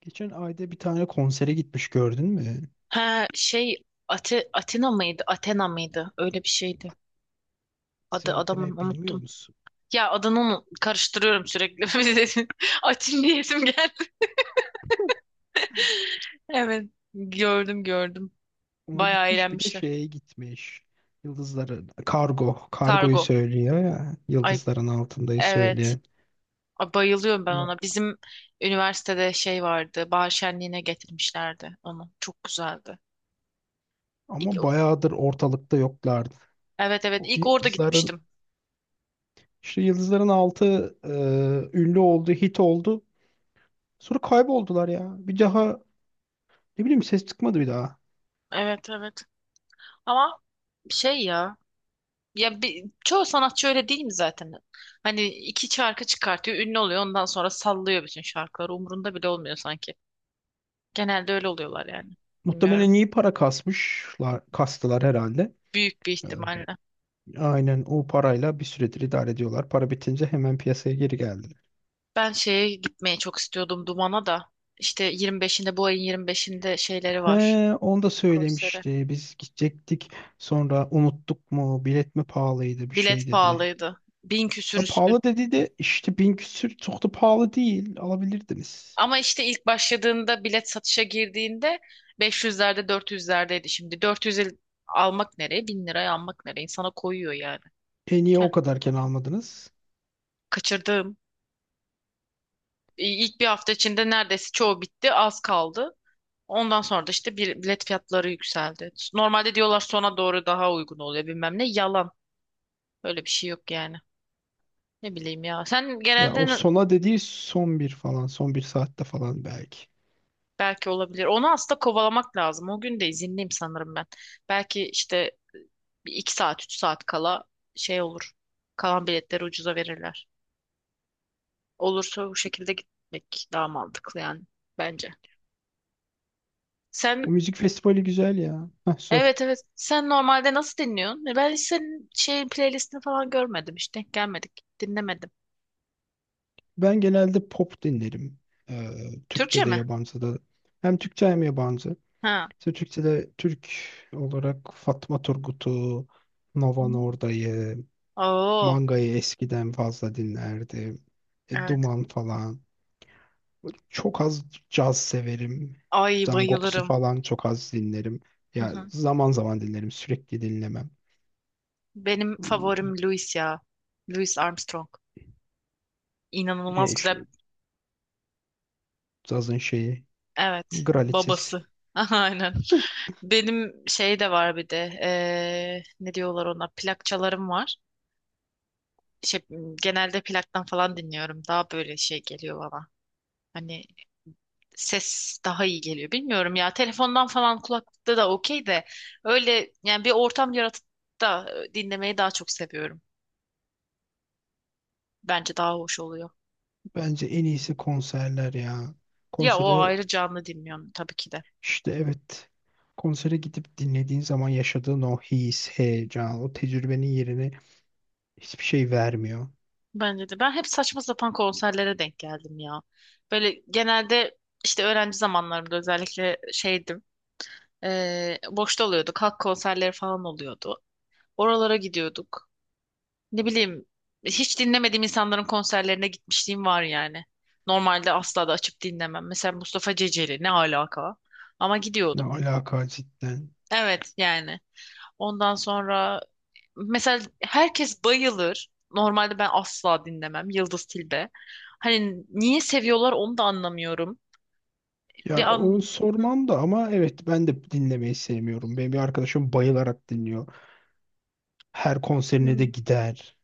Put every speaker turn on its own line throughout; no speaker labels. Geçen ayda bir tane konsere gitmiş gördün mü?
Ha şey Atina mıydı? Athena mıydı? Öyle bir şeydi. Adı adamın
Seyahatine bilmiyor
unuttum.
musun?
Ya adını karıştırıyorum sürekli. Atin diyesim geldi. Evet. Gördüm gördüm.
Ona
Bayağı
gitmiş, bir de
eğlenmişler.
şeye gitmiş. Yıldızların kargo. Kargoyu
Kargo.
söylüyor ya.
Ay
Yıldızların altındayı
evet.
söyleyen.
Ay, bayılıyorum ben
Ama
ona. Bizim üniversitede şey vardı. Bahar şenliğine getirmişlerdi onu. Çok güzeldi. İlk,
ama bayağıdır ortalıkta yoklardı.
evet evet,
O
ilk orada
yıldızların
gitmiştim.
işte yıldızların altı ünlü oldu, hit oldu. Sonra kayboldular ya. Bir daha ne bileyim ses çıkmadı bir daha.
Evet evet. Ama şey ya. Ya çoğu sanatçı öyle değil mi zaten? Hani iki şarkı çıkartıyor, ünlü oluyor, ondan sonra sallıyor bütün şarkıları. Umurunda bile olmuyor sanki. Genelde öyle oluyorlar yani. Bilmiyorum.
Muhtemelen iyi para kasmışlar, kastılar herhalde.
Büyük bir
E,
ihtimalle.
Aynen, o parayla bir süredir idare ediyorlar. Para bitince hemen piyasaya geri geldiler.
Ben şeye gitmeyi çok istiyordum Duman'a da. İşte 25'inde bu ayın 25'inde şeyleri var
He, onu da
konsere.
söylemişti. Biz gidecektik. Sonra unuttuk mu? Bilet mi pahalıydı bir şey
Bilet
dedi.
pahalıydı. Bin küsür
Ya
üstün.
pahalı dedi de işte bin küsür çok da pahalı değil. Alabilirdiniz.
Ama işte ilk başladığında bilet satışa girdiğinde beş yüzlerde dört yüzlerdeydi. Şimdi 400 almak nereye? 1000 liraya almak nereye? İnsana koyuyor yani.
E niye o kadarken almadınız?
Kaçırdığım. İlk bir hafta içinde neredeyse çoğu bitti, az kaldı. Ondan sonra da işte bir bilet fiyatları yükseldi. Normalde diyorlar sona doğru daha uygun oluyor bilmem ne. Yalan. Öyle bir şey yok yani. Ne bileyim ya. Sen
Ya
genelde
o
n-
sona dediği son bir falan. Son bir saatte falan belki.
Belki olabilir. Onu aslında kovalamak lazım. O gün de izinliyim sanırım ben. Belki işte bir iki saat, üç saat kala şey olur. Kalan biletleri ucuza verirler. Olursa bu şekilde gitmek daha mantıklı yani bence.
O
Sen
müzik festivali güzel ya. Heh, sor.
Evet, evet. Sen normalde nasıl dinliyorsun? Ben hiç senin şeyin playlistini falan görmedim. Hiç denk gelmedik. Dinlemedim.
Ben genelde pop dinlerim. Ee,
Türkçe
Türkçe de
mi?
yabancı da. Hem Türkçe hem yabancı.
Ha.
Türkçe'de Türk olarak Fatma Turgut'u, Nova
Hmm.
Norda'yı,
Oo.
Manga'yı eskiden fazla dinlerdim. E,
Evet.
Duman falan. Böyle çok az caz severim.
Ay
Zangox'u
bayılırım.
falan çok az dinlerim.
Hı
Ya
hı.
zaman zaman dinlerim, sürekli dinlemem.
Benim favorim Louis ya. Louis Armstrong.
E,
İnanılmaz
işte
güzel.
cazın şeyi,
Evet.
Gralites.
Babası. Aynen. Benim şey de var bir de. Ne diyorlar ona? Plakçalarım var. Şey, genelde plaktan falan dinliyorum. Daha böyle şey geliyor bana. Hani ses daha iyi geliyor. Bilmiyorum ya telefondan falan kulaklıkta da okey de öyle yani bir ortam yaratıp da dinlemeyi daha çok seviyorum. Bence daha hoş oluyor.
Bence en iyisi konserler ya.
Ya o
Konsere
ayrı canlı dinliyorum tabii ki de.
İşte evet. Konsere gidip dinlediğin zaman yaşadığın o his, heyecan, o tecrübenin yerine hiçbir şey vermiyor.
Bence de. Ben hep saçma sapan konserlere denk geldim ya. Böyle genelde işte öğrenci zamanlarımda özellikle şeydim. Boşta oluyorduk. Halk konserleri falan oluyordu. Oralara gidiyorduk. Ne bileyim hiç dinlemediğim insanların konserlerine gitmişliğim var yani. Normalde asla da açıp dinlemem. Mesela Mustafa Ceceli ne alaka? Ama
Ne
gidiyordum.
alaka cidden.
Evet yani. Ondan sonra mesela herkes bayılır. Normalde ben asla dinlemem Yıldız Tilbe. Hani niye seviyorlar onu da anlamıyorum. Bir
Ya onu
an. Hı
sormam da ama evet ben de dinlemeyi sevmiyorum. Benim bir arkadaşım bayılarak dinliyor. Her konserine de
hı.
gider.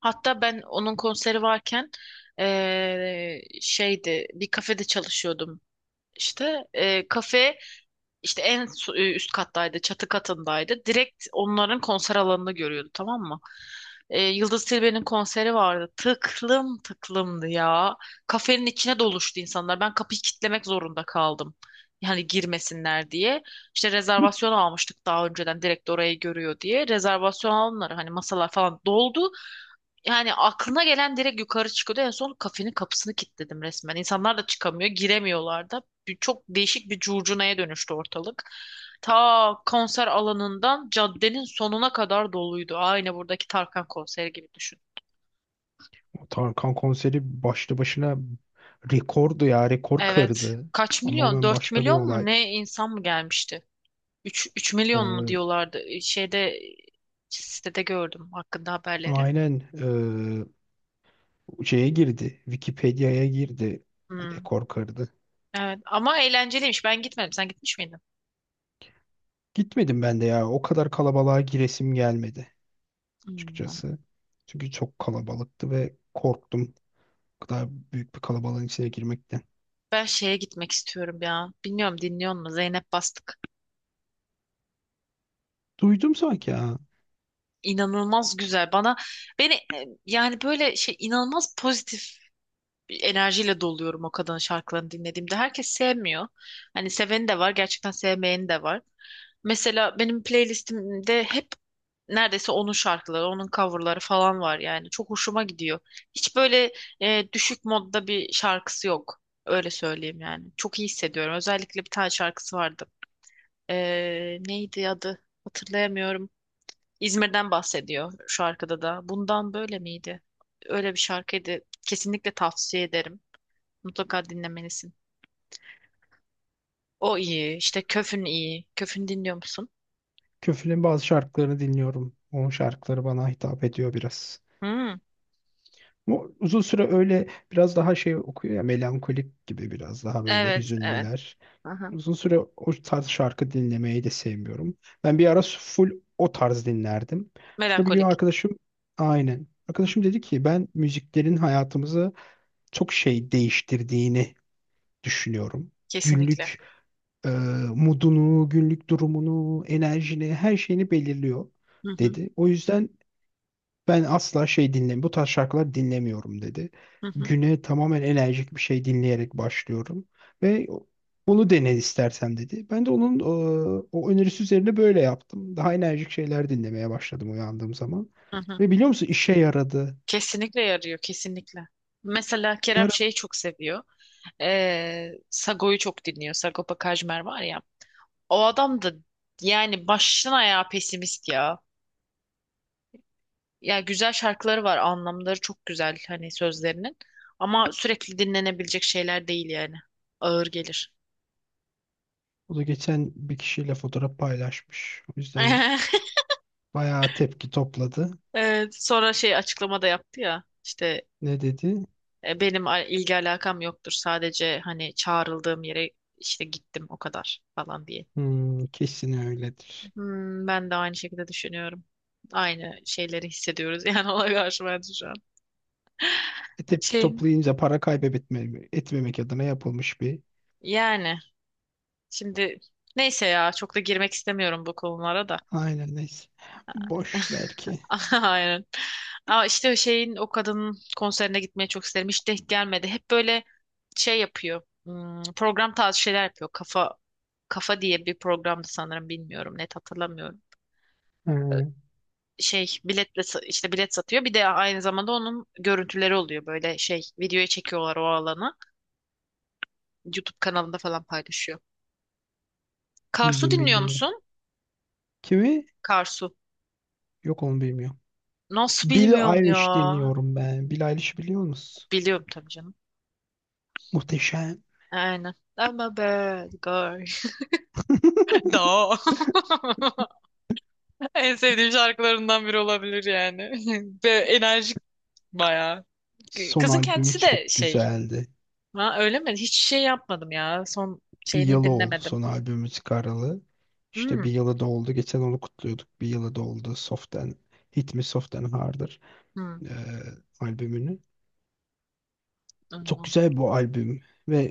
Hatta ben onun konseri varken şeydi, bir kafede çalışıyordum. İşte kafe. İşte üst kattaydı, çatı katındaydı. Direkt onların konser alanını görüyordu, tamam mı? Yıldız Tilbe'nin konseri vardı. Tıklım tıklımdı ya. Kafenin içine doluştu insanlar. Ben kapıyı kitlemek zorunda kaldım. Yani girmesinler diye. İşte rezervasyon almıştık daha önceden, direkt orayı görüyor diye. Rezervasyon alanları, hani masalar falan doldu. Yani aklına gelen direkt yukarı çıkıyordu. En son kafenin kapısını kilitledim resmen. İnsanlar da çıkamıyor, giremiyorlar da. Çok değişik bir curcunaya dönüştü ortalık. Ta konser alanından caddenin sonuna kadar doluydu. Aynı buradaki Tarkan konseri gibi düşün.
O Tarkan konseri başlı başına rekordu ya, rekor
Evet.
kırdı.
Kaç
Ama
milyon?
ben
dört
başka bir
milyon mu
olay.
ne insan mı gelmişti? Üç milyon mu
Ee,
diyorlardı. Şeyde Sitede gördüm hakkında haberleri.
aynen ee, şeye girdi. Wikipedia'ya girdi.
Hmm.
Rekor kırdı.
Evet, ama eğlenceliymiş. Ben gitmedim. Sen gitmiş miydin?
Gitmedim ben de ya. O kadar kalabalığa giresim gelmedi
Hmm.
açıkçası. Çünkü çok kalabalıktı ve korktum. O kadar büyük bir kalabalığın içine girmekten.
Ben şeye gitmek istiyorum ya. Bilmiyorum, dinliyor musun? Zeynep Bastık.
Duydum sanki ya.
İnanılmaz güzel. Bana, beni yani böyle şey, inanılmaz pozitif bir enerjiyle doluyorum o kadının şarkılarını dinlediğimde. Herkes sevmiyor. Hani seveni de var, gerçekten sevmeyeni de var. Mesela benim playlistimde hep neredeyse onun şarkıları, onun coverları falan var yani. Çok hoşuma gidiyor. Hiç böyle düşük modda bir şarkısı yok. Öyle söyleyeyim yani. Çok iyi hissediyorum. Özellikle bir tane şarkısı vardı. Neydi adı? Hatırlayamıyorum. İzmir'den bahsediyor şu arkada da. Bundan böyle miydi? Öyle bir şarkıydı. Kesinlikle tavsiye ederim. Mutlaka dinlemelisin. O iyi. İşte Köfün iyi. Köfün dinliyor musun?
Köflü'nün bazı şarkılarını dinliyorum. Onun şarkıları bana hitap ediyor biraz.
Hmm.
Ama uzun süre öyle biraz daha şey okuyor ya, melankolik gibi, biraz daha böyle
Evet, evet.
hüzünlüler.
Aha.
Uzun süre o tarz şarkı dinlemeyi de sevmiyorum. Ben bir ara full o tarz dinlerdim. Sonra bir gün
Melankolik.
arkadaşım aynen.
Hı hı.
Arkadaşım dedi ki ben müziklerin hayatımızı çok şey değiştirdiğini düşünüyorum.
Kesinlikle.
Günlük e, modunu, günlük durumunu, enerjini, her şeyini belirliyor
Hı hı.
dedi. O yüzden ben asla şey dinlemiyorum. Bu tarz şarkılar dinlemiyorum dedi.
Hı hı.
Güne tamamen enerjik bir şey dinleyerek başlıyorum. Ve bunu dene istersen dedi. Ben de onun o önerisi üzerine böyle yaptım. Daha enerjik şeyler dinlemeye başladım uyandığım zaman.
Hı hı.
Ve biliyor musun işe yaradı.
Kesinlikle yarıyor, kesinlikle. Mesela
Bir
Kerem
ara
şeyi çok seviyor. Sago'yu çok dinliyor. Sagopa Kajmer var ya. O adam da yani baştan ayağa pesimist ya. Ya güzel şarkıları var, anlamları çok güzel hani sözlerinin. Ama sürekli dinlenebilecek şeyler değil yani. Ağır gelir.
o da geçen bir kişiyle fotoğraf paylaşmış. O yüzden bayağı tepki topladı.
Evet, sonra şey, açıklama da yaptı ya. İşte
Ne dedi?
benim ilgi alakam yoktur. Sadece hani çağrıldığım yere işte gittim o kadar falan diye.
Hmm, kesin öyledir.
Hmm, ben de aynı şekilde düşünüyorum. Aynı şeyleri hissediyoruz yani ona karşı, bence, şu an.
E, tepki
Şey
toplayınca para kaybetmemek etmemek adına yapılmış bir
yani. Şimdi neyse ya, çok da girmek istemiyorum bu konulara da.
Aynen neyse. Boş ver ki.
Aynen. Aa, işte şeyin, o kadının konserine gitmeyi çok isterim. Hiç denk gelmedi. Hep böyle şey yapıyor. Program tarzı şeyler yapıyor. Kafa. Kafa diye bir programdı sanırım, bilmiyorum. Net hatırlamıyorum.
He,
Şey, biletle işte bilet satıyor. Bir de aynı zamanda onun görüntüleri oluyor. Böyle şey, videoya çekiyorlar o alanı. YouTube kanalında falan paylaşıyor. Karsu
bildim
dinliyor
bildim onu.
musun?
Kimi?
Karsu.
Yok onu bilmiyorum.
Nasıl
Billie
bilmiyorum ya?
Eilish dinliyorum ben. Billie Eilish biliyor musun?
Biliyorum tabii canım.
Muhteşem.
Aynen. I'm a bad girl. Da. En sevdiğim şarkılarından biri olabilir yani. Ve enerjik bayağı.
Son
Kızın
albümü
kendisi de
çok
şey.
güzeldi.
Ha, öyle mi? Hiç şey yapmadım ya. Son
Bir
şeyini
yılı oldu
dinlemedim.
son albümü çıkaralı. İşte
Hmm.
bir yılı doldu. Geçen onu kutluyorduk. Bir yılı doldu. Soft and, Hit Me Soft and Harder
Hmm.
e, albümünü. Çok
Anladım.
güzel bu albüm ve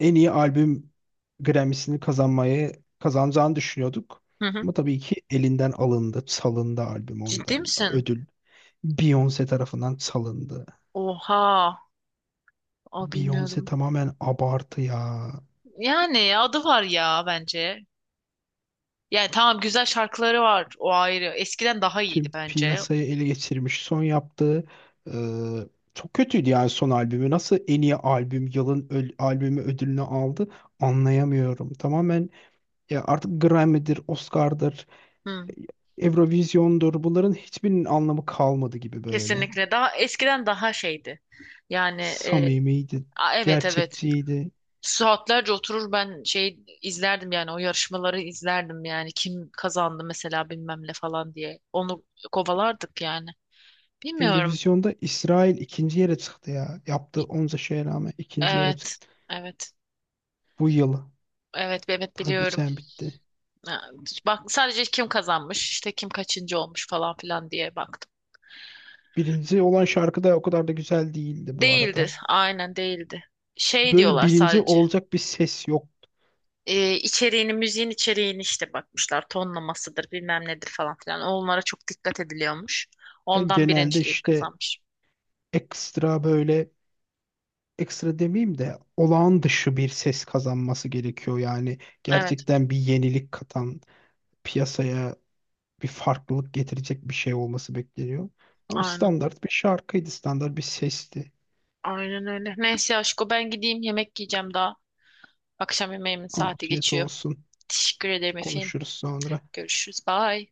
en iyi albüm Grammy'sini kazanmayı kazanacağını düşünüyorduk.
Hı hı.
Ama tabii ki elinden alındı, salındı albüm
Ciddi
ondan.
misin?
Ödül Beyoncé tarafından salındı.
Oha. O
Beyoncé
bilmiyordum.
tamamen abartı ya.
Yani adı var ya, bence. Yani tamam, güzel şarkıları var. O ayrı. Eskiden daha iyiydi
Tüm
bence.
piyasayı ele geçirmiş. Son yaptığı e, çok kötüydü yani son albümü. Nasıl en iyi albüm, yılın albümü ödülünü aldı anlayamıyorum. Tamamen ya artık Grammy'dir, Oscar'dır,
Hmm.
Eurovision'dur. Bunların hiçbirinin anlamı kalmadı gibi böyle.
Kesinlikle daha eskiden daha şeydi. Yani
Samimiydi,
evet, evet,
gerçekçiydi.
saatlerce oturur ben şey izlerdim yani, o yarışmaları izlerdim yani, kim kazandı mesela bilmem ne falan diye onu kovalardık yani. Bilmiyorum.
Eurovision'da İsrail ikinci yere çıktı ya. Yaptığı
Bi-
onca şeye rağmen ikinci yere
Evet,
çıktı.
evet,
Bu yıl.
evet, evet
Daha
biliyorum.
geçen bitti.
Ha, bak, sadece kim kazanmış işte, kim kaçıncı olmuş falan filan diye baktım.
Birinci olan şarkı da o kadar da güzel değildi bu
Değildi,
arada.
aynen değildi. Şey
Böyle
diyorlar
birinci
sadece.
olacak bir ses yoktu.
Müziğin içeriğini işte bakmışlar. Tonlamasıdır, bilmem nedir falan filan. Onlara çok dikkat ediliyormuş.
Yani
Ondan
genelde
birinciliği
işte
kazanmış.
ekstra böyle ekstra demeyeyim de olağan dışı bir ses kazanması gerekiyor yani
Evet,
gerçekten bir yenilik katan piyasaya bir farklılık getirecek bir şey olması bekleniyor. Ama
aynen.
standart bir şarkıydı, standart bir sesti.
Aynen öyle. Neyse aşko, ben gideyim, yemek yiyeceğim daha. Akşam yemeğimin saati
Afiyet
geçiyor.
olsun.
Teşekkür ederim efendim.
Konuşuruz sonra.
Görüşürüz. Bye.